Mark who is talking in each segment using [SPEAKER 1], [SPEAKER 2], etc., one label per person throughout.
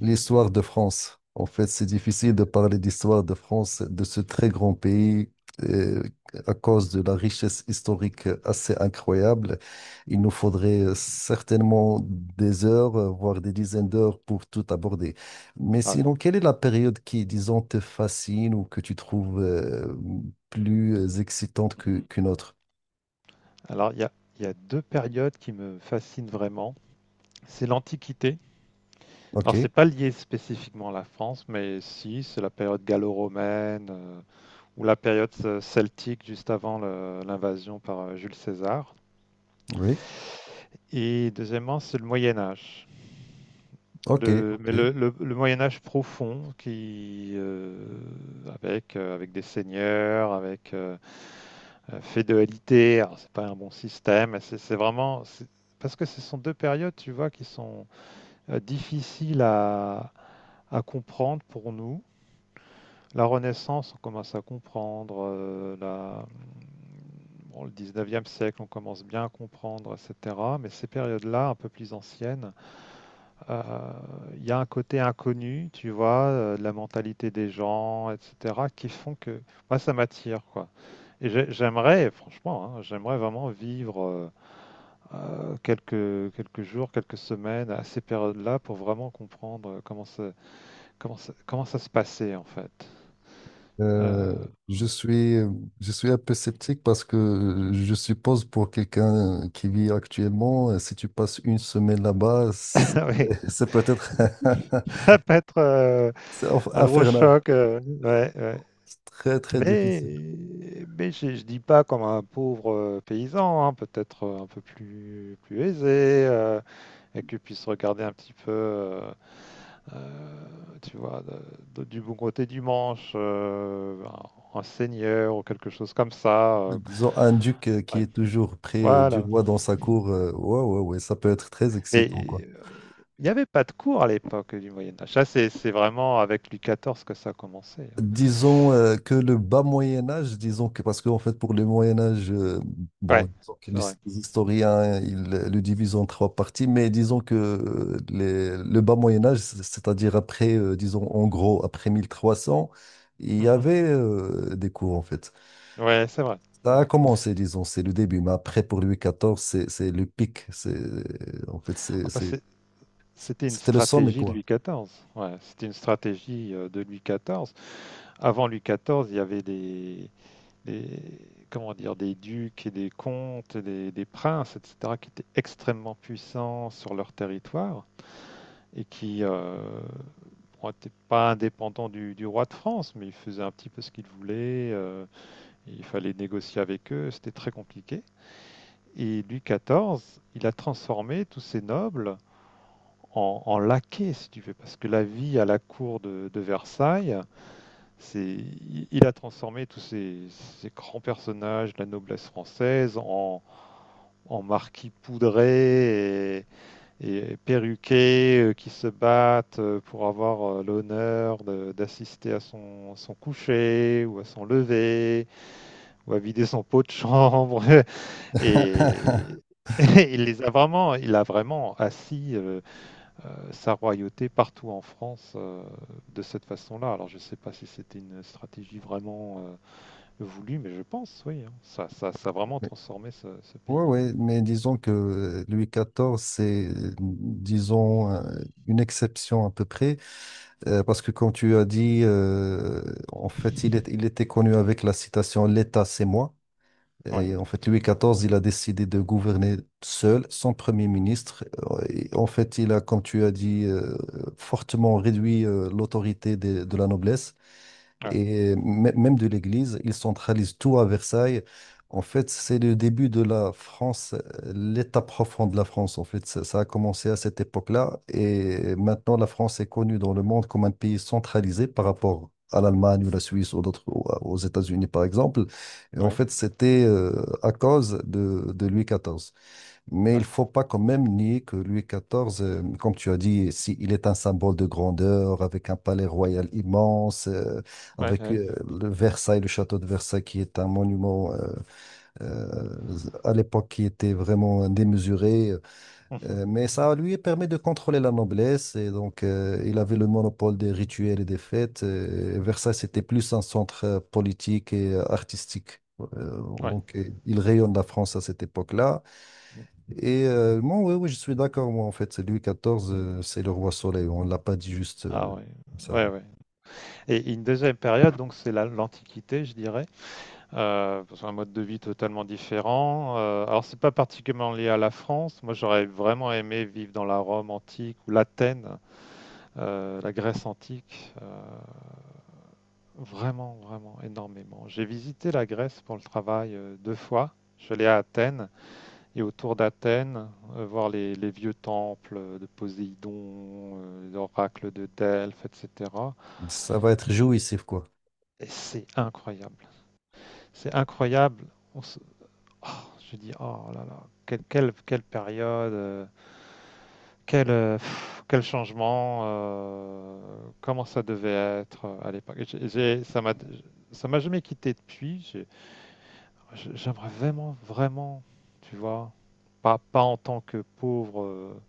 [SPEAKER 1] L'histoire de France. En fait, c'est difficile de parler d'histoire de France, de ce très grand pays, euh, à cause de la richesse historique assez incroyable. Il nous faudrait certainement des heures, voire des dizaines d'heures pour tout aborder. Mais
[SPEAKER 2] Ah oui.
[SPEAKER 1] sinon, quelle est la période qui, disons, te fascine ou que tu trouves, plus excitante
[SPEAKER 2] Mhm.
[SPEAKER 1] qu'une autre?
[SPEAKER 2] Alors, il y a deux périodes qui me fascinent vraiment. C'est l'Antiquité. Alors, c'est
[SPEAKER 1] OK,
[SPEAKER 2] pas lié spécifiquement à la France, mais si, c'est la période gallo-romaine ou la période celtique juste avant l'invasion par Jules César.
[SPEAKER 1] oui,
[SPEAKER 2] Et deuxièmement, c'est le Moyen Âge.
[SPEAKER 1] OK,
[SPEAKER 2] Le-
[SPEAKER 1] OK.
[SPEAKER 2] mais le, le- le Moyen Âge profond, qui avec des seigneurs, avec féodalité, alors c'est pas un bon système. Mais c'est vraiment. Parce que ce sont deux périodes, tu vois, qui sont difficiles à comprendre pour nous. La Renaissance, on commence à comprendre. Bon, le 19e siècle, on commence bien à comprendre, etc. Mais ces périodes-là, un peu plus anciennes. Euh, Il y a un côté inconnu, tu vois, de la mentalité des gens, etc., qui font que moi, ça m'attire, quoi. Et j'aimerais, franchement, hein, j'aimerais vraiment vivre quelques jours, quelques semaines à ces périodes-là pour vraiment comprendre comment ça se passait, en fait. Euh,
[SPEAKER 1] Euh, je suis, je suis un peu sceptique parce que je suppose pour quelqu'un qui vit actuellement, si tu passes une semaine là-bas, c'est
[SPEAKER 2] oui,
[SPEAKER 1] c'est peut-être
[SPEAKER 2] ça peut être un gros
[SPEAKER 1] infernal.
[SPEAKER 2] choc. Ouais, ouais.
[SPEAKER 1] C'est très, très
[SPEAKER 2] Mais,
[SPEAKER 1] difficile.
[SPEAKER 2] mais je ne dis pas comme un pauvre paysan, hein, peut-être un peu plus aisé, et que puisse regarder un petit peu, tu vois, du bon côté du manche, un seigneur ou quelque chose comme ça.
[SPEAKER 1] Disons, un duc qui
[SPEAKER 2] Ouais,
[SPEAKER 1] est toujours près du
[SPEAKER 2] voilà.
[SPEAKER 1] roi dans sa cour, ouais, ouais, ouais, ça peut être très
[SPEAKER 2] Mais
[SPEAKER 1] excitant, quoi.
[SPEAKER 2] euh, il n'y avait pas de cours à l'époque du Moyen Âge. Ça, c'est vraiment avec Louis XIV que ça a commencé. Hein.
[SPEAKER 1] Disons que le bas Moyen Âge, disons que parce que en fait pour le Moyen Âge, bon,
[SPEAKER 2] Ouais,
[SPEAKER 1] disons que
[SPEAKER 2] c'est
[SPEAKER 1] les
[SPEAKER 2] vrai.
[SPEAKER 1] les historiens ils le divisent en trois parties, mais disons que le bas Moyen Âge, c'est-à-dire après, disons en gros après 1300, il y
[SPEAKER 2] Mhm.
[SPEAKER 1] avait des coups en fait.
[SPEAKER 2] Ouais, c'est vrai. C'est
[SPEAKER 1] Ça a
[SPEAKER 2] vrai.
[SPEAKER 1] commencé, disons, c'est le début, mais après pour Louis XIV, c'est le pic, c'est en fait
[SPEAKER 2] Ah bah,
[SPEAKER 1] c'est-
[SPEAKER 2] c'était une
[SPEAKER 1] c'était le sommet
[SPEAKER 2] stratégie de
[SPEAKER 1] quoi.
[SPEAKER 2] Louis XIV. Ouais, c'était une stratégie de Louis XIV. Avant Louis XIV, il y avait des, comment dire, des ducs et des comtes, et des princes, etc., qui étaient extrêmement puissants sur leur territoire et qui n'étaient pas indépendants du roi de France, mais ils faisaient un petit peu ce qu'ils voulaient. Il fallait négocier avec eux. C'était très compliqué. Et Louis XIV, il a transformé tous ces nobles en laquais, si tu veux, parce que la vie à la cour de Versailles, c'est, il a transformé tous ces grands personnages de la noblesse française en marquis poudrés et perruqués qui se battent pour avoir l'honneur d'assister à son coucher ou à son lever ou à vider son pot de chambre. Et, et il a vraiment assis sa royauté partout en France de cette façon-là. Alors je ne sais pas si c'était une stratégie vraiment voulue, mais je pense, oui. Hein. Ça a vraiment transformé ce
[SPEAKER 1] Ouais,
[SPEAKER 2] pays.
[SPEAKER 1] ouais, mais disons que Louis XIV, c'est une exception à peu près, parce que comme tu as dit, en fait, il était connu avec la citation «L'État, c'est moi».
[SPEAKER 2] Ouais,
[SPEAKER 1] Et en fait, Louis XIV, il a décidé de gouverner seul, sans premier ministre. Et en fait, il a, comme tu as dit, fortement réduit l'autorité de, la noblesse
[SPEAKER 2] ouais,
[SPEAKER 1] et même de l'Église. Ils centralisent tout à Versailles. En fait, c'est le début de la France, l'état profond de la France. En fait, ça a commencé à cette époque-là. Et maintenant, la France est connue dans le monde comme un pays centralisé par rapport à l'Allemagne ou la Suisse ou d'autres, ou aux États-Unis, par exemple. Et en
[SPEAKER 2] ouais,
[SPEAKER 1] fait, c'était à cause de Louis XIV. Mais il
[SPEAKER 2] ouais,
[SPEAKER 1] faut pas quand même nier que Louis XIV, comme tu as dit, si, il est un symbole de grandeur, avec un palais royal immense,
[SPEAKER 2] ouais, ouais.
[SPEAKER 1] avec
[SPEAKER 2] Ouais.
[SPEAKER 1] le Versailles, le château de Versailles, qui est un monument à l'époque qui était vraiment démesuré.
[SPEAKER 2] Mhm.
[SPEAKER 1] Mais ça lui permet de contrôler la noblesse, et donc il avait le monopole des rituels et des fêtes. Et Versailles, c'était plus un centre politique et artistique. Euh,
[SPEAKER 2] Ouais.
[SPEAKER 1] donc, euh, il rayonne la France à cette époque-là. Et moi, oui, oui, je suis d'accord, moi, en fait. C'est Louis XIV,
[SPEAKER 2] Mhm.
[SPEAKER 1] c'est le roi soleil. On ne l'a pas dit juste
[SPEAKER 2] Ah ouais,
[SPEAKER 1] comme ça.
[SPEAKER 2] ouais, ouais. Et une deuxième période, donc c'est l'Antiquité, je dirais. Parce qu'un mode de vie totalement différent. Alors c'est pas particulièrement lié à la France. Moi, j'aurais vraiment aimé vivre dans la Rome antique ou l'Athènes. La Grèce antique, vraiment, vraiment énormément. J'ai visité la Grèce pour le travail deux fois. Je suis allé à Athènes et autour d'Athènes, voir les vieux temples de Poséidon, l'oracle de Delphes, etc.
[SPEAKER 1] Ça va être jouissif, quoi.
[SPEAKER 2] Et c'est incroyable. C'est incroyable. On se... oh, je dis, oh là là, quelle période. Quel changement, comment ça devait être à l'époque. Ça m'a jamais quitté depuis. J'aimerais vraiment, vraiment, tu vois, pas en tant que pauvre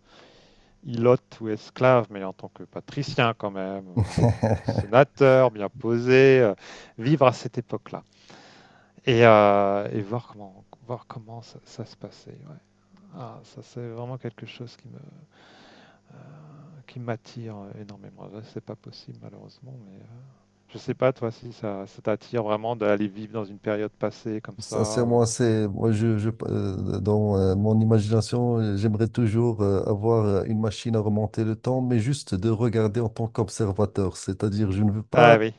[SPEAKER 2] ilote ou esclave, mais en tant que patricien quand même, sénateur, bien posé, vivre à cette époque-là et voir comment ça se passait. Ouais. Ah, ça, c'est vraiment quelque chose qui m'attire énormément. C'est pas possible malheureusement, mais je sais pas toi si ça t'attire vraiment d'aller vivre dans une période passée comme ça.
[SPEAKER 1] Sincèrement, c'est moi, je- dans mon imagination, j'aimerais toujours avoir une machine à remonter le temps, mais juste de regarder en tant qu'observateur. C'est-à-dire, je ne veux
[SPEAKER 2] Ah
[SPEAKER 1] pas
[SPEAKER 2] oui.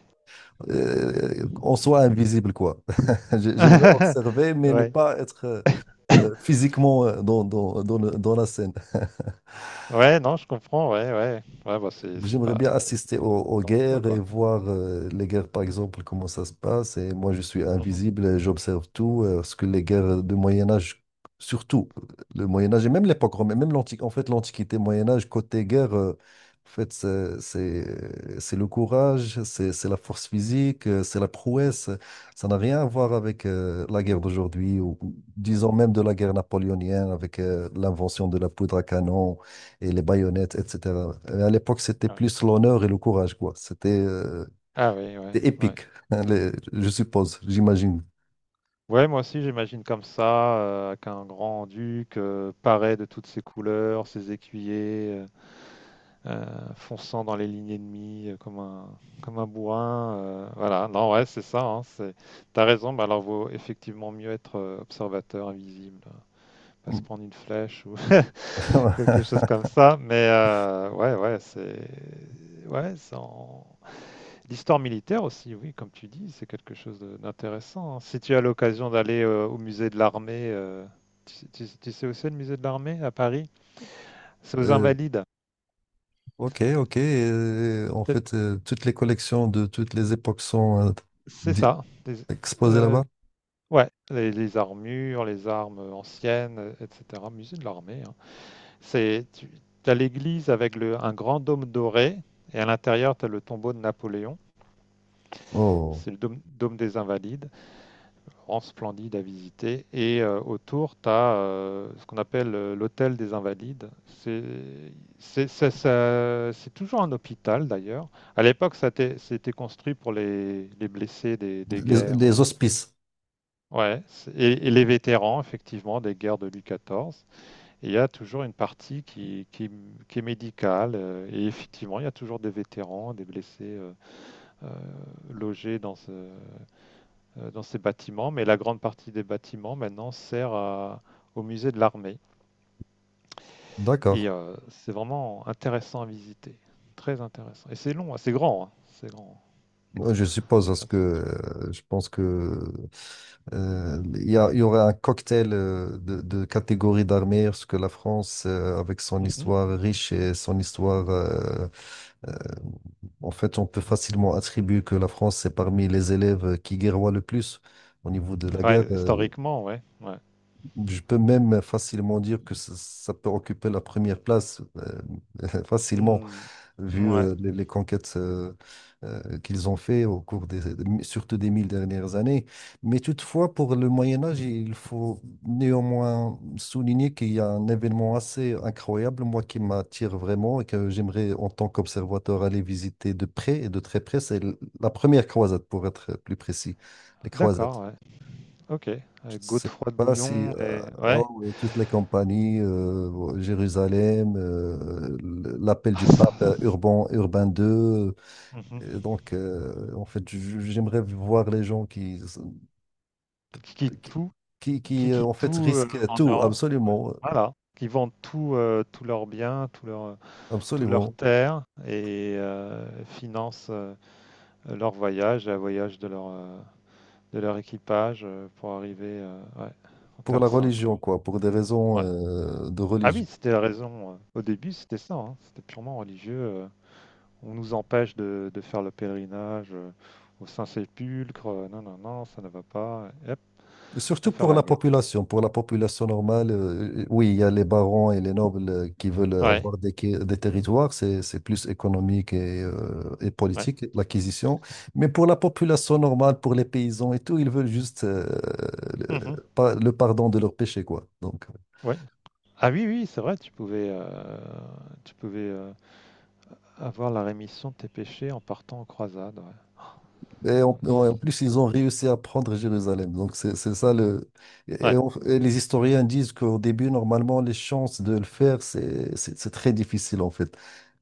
[SPEAKER 1] qu'on soit invisible, quoi. J'aimerais observer, mais ne
[SPEAKER 2] Ouais.
[SPEAKER 1] pas être physiquement dans dans la scène.
[SPEAKER 2] Ouais, non, je comprends, ouais, ouais. Ouais, bah c'est
[SPEAKER 1] J'aimerais
[SPEAKER 2] pas
[SPEAKER 1] bien assister
[SPEAKER 2] c'est
[SPEAKER 1] aux
[SPEAKER 2] dangereux
[SPEAKER 1] guerres et
[SPEAKER 2] quoi.
[SPEAKER 1] voir les guerres, par exemple, comment ça se passe. Et moi, je suis
[SPEAKER 2] Mhm.
[SPEAKER 1] invisible et j'observe tout. Parce que les guerres de Moyen Âge, surtout le Moyen Âge et même l'époque romaine, même l'antique, en fait, l'Antiquité, Moyen Âge, côté guerre, en fait, c'est le courage, c'est la force physique, c'est la
[SPEAKER 2] Mhm.
[SPEAKER 1] prouesse. Ça n'a rien à voir avec la guerre d'aujourd'hui ou disons
[SPEAKER 2] Mhm.
[SPEAKER 1] même de la guerre napoléonienne avec l'invention de la poudre à canon et les baïonnettes, etc. Et à l'époque, c'était
[SPEAKER 2] Ouais.
[SPEAKER 1] plus l'honneur et le courage, quoi.
[SPEAKER 2] Ah oui, ouais,
[SPEAKER 1] C'était
[SPEAKER 2] ouais.
[SPEAKER 1] épique, hein, je suppose, j'imagine.
[SPEAKER 2] Ouais, moi aussi, j'imagine comme ça, avec un grand-duc paré de toutes ses couleurs, ses écuyers, fonçant dans les lignes ennemies comme un bourrin. Voilà, non, ouais, c'est ça. Hein. T'as raison, bah alors vaut effectivement mieux être observateur invisible, hein, pas se prendre une flèche ou quelque chose comme ça. Mais ouais, ouais. Ouais, c'est en- L'histoire militaire aussi, oui, comme tu dis, c'est quelque chose d'intéressant. Hein. Si tu as l'occasion d'aller au musée de l'armée, tu sais où c'est le musée de l'armée à Paris? C'est aux
[SPEAKER 1] Euh,
[SPEAKER 2] Invalides.
[SPEAKER 1] ok, ok. En
[SPEAKER 2] Peut-être-
[SPEAKER 1] fait, toutes les collections de toutes les époques sont
[SPEAKER 2] C'est
[SPEAKER 1] di-
[SPEAKER 2] ça.
[SPEAKER 1] exposées
[SPEAKER 2] Euh,
[SPEAKER 1] là-bas.
[SPEAKER 2] ouais, les armures, les armes anciennes, etc. Musée de l'armée. Hein. Tu as l'église avec un grand dôme doré et à l'intérieur, tu as le tombeau de Napoléon.
[SPEAKER 1] Oh,
[SPEAKER 2] C'est le dôme des Invalides. Grand, splendide à visiter. Et autour, tu as ce qu'on appelle l'hôtel des Invalides. C'est toujours un hôpital d'ailleurs. À l'époque, ça a été construit pour les blessés des guerres.
[SPEAKER 1] les hospices.
[SPEAKER 2] Ouais, et les vétérans, effectivement, des guerres de Louis XIV. Et il y a toujours une partie qui est médicale. Et effectivement, il y a toujours des vétérans, des blessés euh, logés dans ces bâtiments, mais la grande partie des bâtiments maintenant sert au musée de l'armée.
[SPEAKER 1] D'accord.
[SPEAKER 2] Et c'est vraiment intéressant à visiter, très intéressant. Et c'est long, hein, c'est grand, hein, c'est grand.
[SPEAKER 1] Ouais, je suppose, parce
[SPEAKER 2] Ah,
[SPEAKER 1] que
[SPEAKER 2] c'est-
[SPEAKER 1] je pense que il y aurait un cocktail de catégories d'armées, parce que la France, avec son
[SPEAKER 2] Mhm.
[SPEAKER 1] histoire riche et son histoire, euh, en fait, on peut facilement attribuer que la France est parmi les élèves qui guerroient le plus au niveau de la
[SPEAKER 2] Ouais,
[SPEAKER 1] guerre.
[SPEAKER 2] historiquement, ouais, ouais.
[SPEAKER 1] Je peux même facilement dire que ça peut occuper la première place, facilement
[SPEAKER 2] Hmm.
[SPEAKER 1] vu
[SPEAKER 2] Ouais,
[SPEAKER 1] les conquêtes qu'ils ont fait au cours surtout des 1000 dernières années. Mais toutefois, pour le Moyen Âge, il faut néanmoins souligner qu'il y a un événement assez incroyable, moi, qui m'attire vraiment et que j'aimerais, en tant qu'observateur, aller visiter de près et de très près. La première croisade, pour être plus précis, les croisades
[SPEAKER 2] d'accord, ouais. Ok. Avec
[SPEAKER 1] sais
[SPEAKER 2] Godefroy de
[SPEAKER 1] pas si
[SPEAKER 2] Bouillon et ouais.
[SPEAKER 1] oh, oui, toutes les compagnies, ouais, Jérusalem, l'appel
[SPEAKER 2] Ah,
[SPEAKER 1] du
[SPEAKER 2] ça-
[SPEAKER 1] pape Urbain II. Et
[SPEAKER 2] Mhm.
[SPEAKER 1] donc, en fait, j'aimerais voir les gens
[SPEAKER 2] Qui quittent tout,
[SPEAKER 1] qui,
[SPEAKER 2] qui
[SPEAKER 1] en
[SPEAKER 2] quittent
[SPEAKER 1] fait,
[SPEAKER 2] tout euh,
[SPEAKER 1] risquent
[SPEAKER 2] en
[SPEAKER 1] tout,
[SPEAKER 2] Europe,
[SPEAKER 1] absolument,
[SPEAKER 2] voilà. Qui vendent tout, tous leurs biens, toutes leurs
[SPEAKER 1] absolument,
[SPEAKER 2] terres et financent le voyage de leur équipage pour arriver ouais, en
[SPEAKER 1] pour la
[SPEAKER 2] Terre Sainte.
[SPEAKER 1] religion,
[SPEAKER 2] Quoi.
[SPEAKER 1] quoi, pour des raisons
[SPEAKER 2] Ouais.
[SPEAKER 1] de
[SPEAKER 2] Ah oui,
[SPEAKER 1] religion.
[SPEAKER 2] c'était la raison. Au début, c'était ça. Hein. C'était purement religieux. On nous empêche de faire le pèlerinage au Saint-Sépulcre. Non, non, non, ça ne va pas. Et hop, à
[SPEAKER 1] Surtout
[SPEAKER 2] faire la guerre.
[SPEAKER 1] pour la population normale, oui, il y a les barons et les nobles qui veulent
[SPEAKER 2] Ouais,
[SPEAKER 1] avoir des territoires, c'est plus économique et
[SPEAKER 2] ouais.
[SPEAKER 1] politique, l'acquisition. Mais pour la population normale, pour les paysans et tout, ils veulent juste
[SPEAKER 2] Mhm,
[SPEAKER 1] le, pas- le pardon de leurs péchés, quoi. Donc,
[SPEAKER 2] ouais. Ah oui, oui, c'est vrai, tu pouvais avoir la rémission de tes péchés en partant en croisade. Ouais.
[SPEAKER 1] et en, en plus, ils ont réussi à prendre Jérusalem. Donc, c'est ça le. Et,
[SPEAKER 2] Ouais.
[SPEAKER 1] et les historiens disent qu'au début, normalement, les chances de le faire, c'est très difficile, en fait.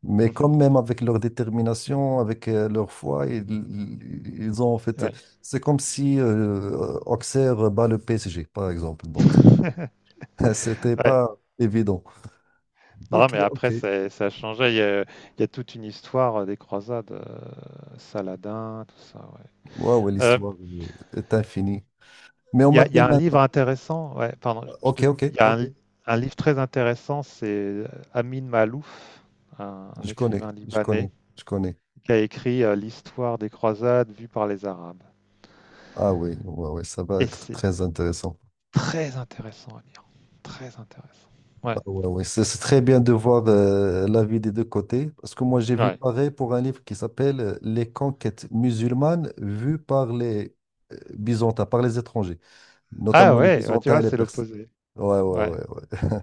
[SPEAKER 1] Mais
[SPEAKER 2] Mhm,
[SPEAKER 1] quand même, avec leur détermination, avec leur foi, ils ont, en fait.
[SPEAKER 2] ouais.
[SPEAKER 1] C'est comme si Auxerre bat le PSG, par exemple. Donc, c'était
[SPEAKER 2] Ouais,
[SPEAKER 1] pas évident.
[SPEAKER 2] non,
[SPEAKER 1] Ok,
[SPEAKER 2] mais
[SPEAKER 1] ok.
[SPEAKER 2] après, ça a changé. Il y a toute une histoire des croisades, Saladin, tout ça. Ouais.
[SPEAKER 1] Waouh,
[SPEAKER 2] Euh,
[SPEAKER 1] l'histoire est infinie. Mais on
[SPEAKER 2] il y a, il y
[SPEAKER 1] m'appelle
[SPEAKER 2] a un livre
[SPEAKER 1] maintenant.
[SPEAKER 2] intéressant. Ouais, pardon, je
[SPEAKER 1] Ok,
[SPEAKER 2] te
[SPEAKER 1] ok,
[SPEAKER 2] coupe. Il y a
[SPEAKER 1] ok.
[SPEAKER 2] un livre très intéressant, c'est Amin Malouf, un
[SPEAKER 1] Je
[SPEAKER 2] écrivain
[SPEAKER 1] connais, je
[SPEAKER 2] libanais,
[SPEAKER 1] connais, je connais.
[SPEAKER 2] qui a écrit l'histoire des croisades vue par les Arabes.
[SPEAKER 1] Ah oui, ouais, ouais, ça va
[SPEAKER 2] Et
[SPEAKER 1] être
[SPEAKER 2] c'est
[SPEAKER 1] très intéressant.
[SPEAKER 2] très intéressant à lire. Très intéressant.
[SPEAKER 1] Ah
[SPEAKER 2] Ouais.
[SPEAKER 1] ouais, ouais, c'est très bien de voir l'avis des deux côtés, parce que moi j'ai vu
[SPEAKER 2] Ouais.
[SPEAKER 1] pareil pour un livre qui s'appelle les conquêtes musulmanes vues par les Byzantins, par les étrangers,
[SPEAKER 2] Ah
[SPEAKER 1] notamment les
[SPEAKER 2] ouais, bah tu
[SPEAKER 1] Byzantins
[SPEAKER 2] vois,
[SPEAKER 1] et les
[SPEAKER 2] c'est
[SPEAKER 1] Perses.
[SPEAKER 2] l'opposé.
[SPEAKER 1] Ouais, ouais,
[SPEAKER 2] Ouais.
[SPEAKER 1] ouais, ouais.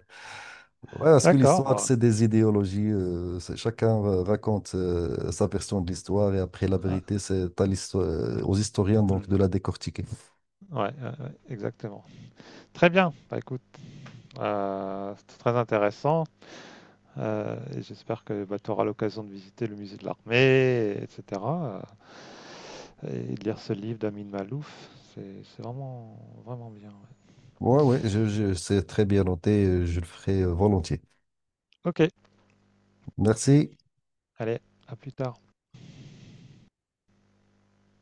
[SPEAKER 1] Ouais, parce que
[SPEAKER 2] D'accord.
[SPEAKER 1] l'histoire,
[SPEAKER 2] Bon.
[SPEAKER 1] c'est des idéologies. Chacun raconte sa version de l'histoire et après la
[SPEAKER 2] Ah,
[SPEAKER 1] vérité, aux historiens
[SPEAKER 2] hmm.
[SPEAKER 1] donc de la décortiquer.
[SPEAKER 2] Ouais, ouais, ouais, exactement. Très bien. Bah, écoute, c'est très intéressant. Et j'espère que bah, tu auras l'occasion de visiter le musée de l'armée, etc. Et de lire ce livre d'Amin Malouf. C'est vraiment, vraiment bien. Ouais.
[SPEAKER 1] Ouais, ouais, c'est très bien noté, je le ferai volontiers.
[SPEAKER 2] Ok,
[SPEAKER 1] Merci.
[SPEAKER 2] allez, à plus tard.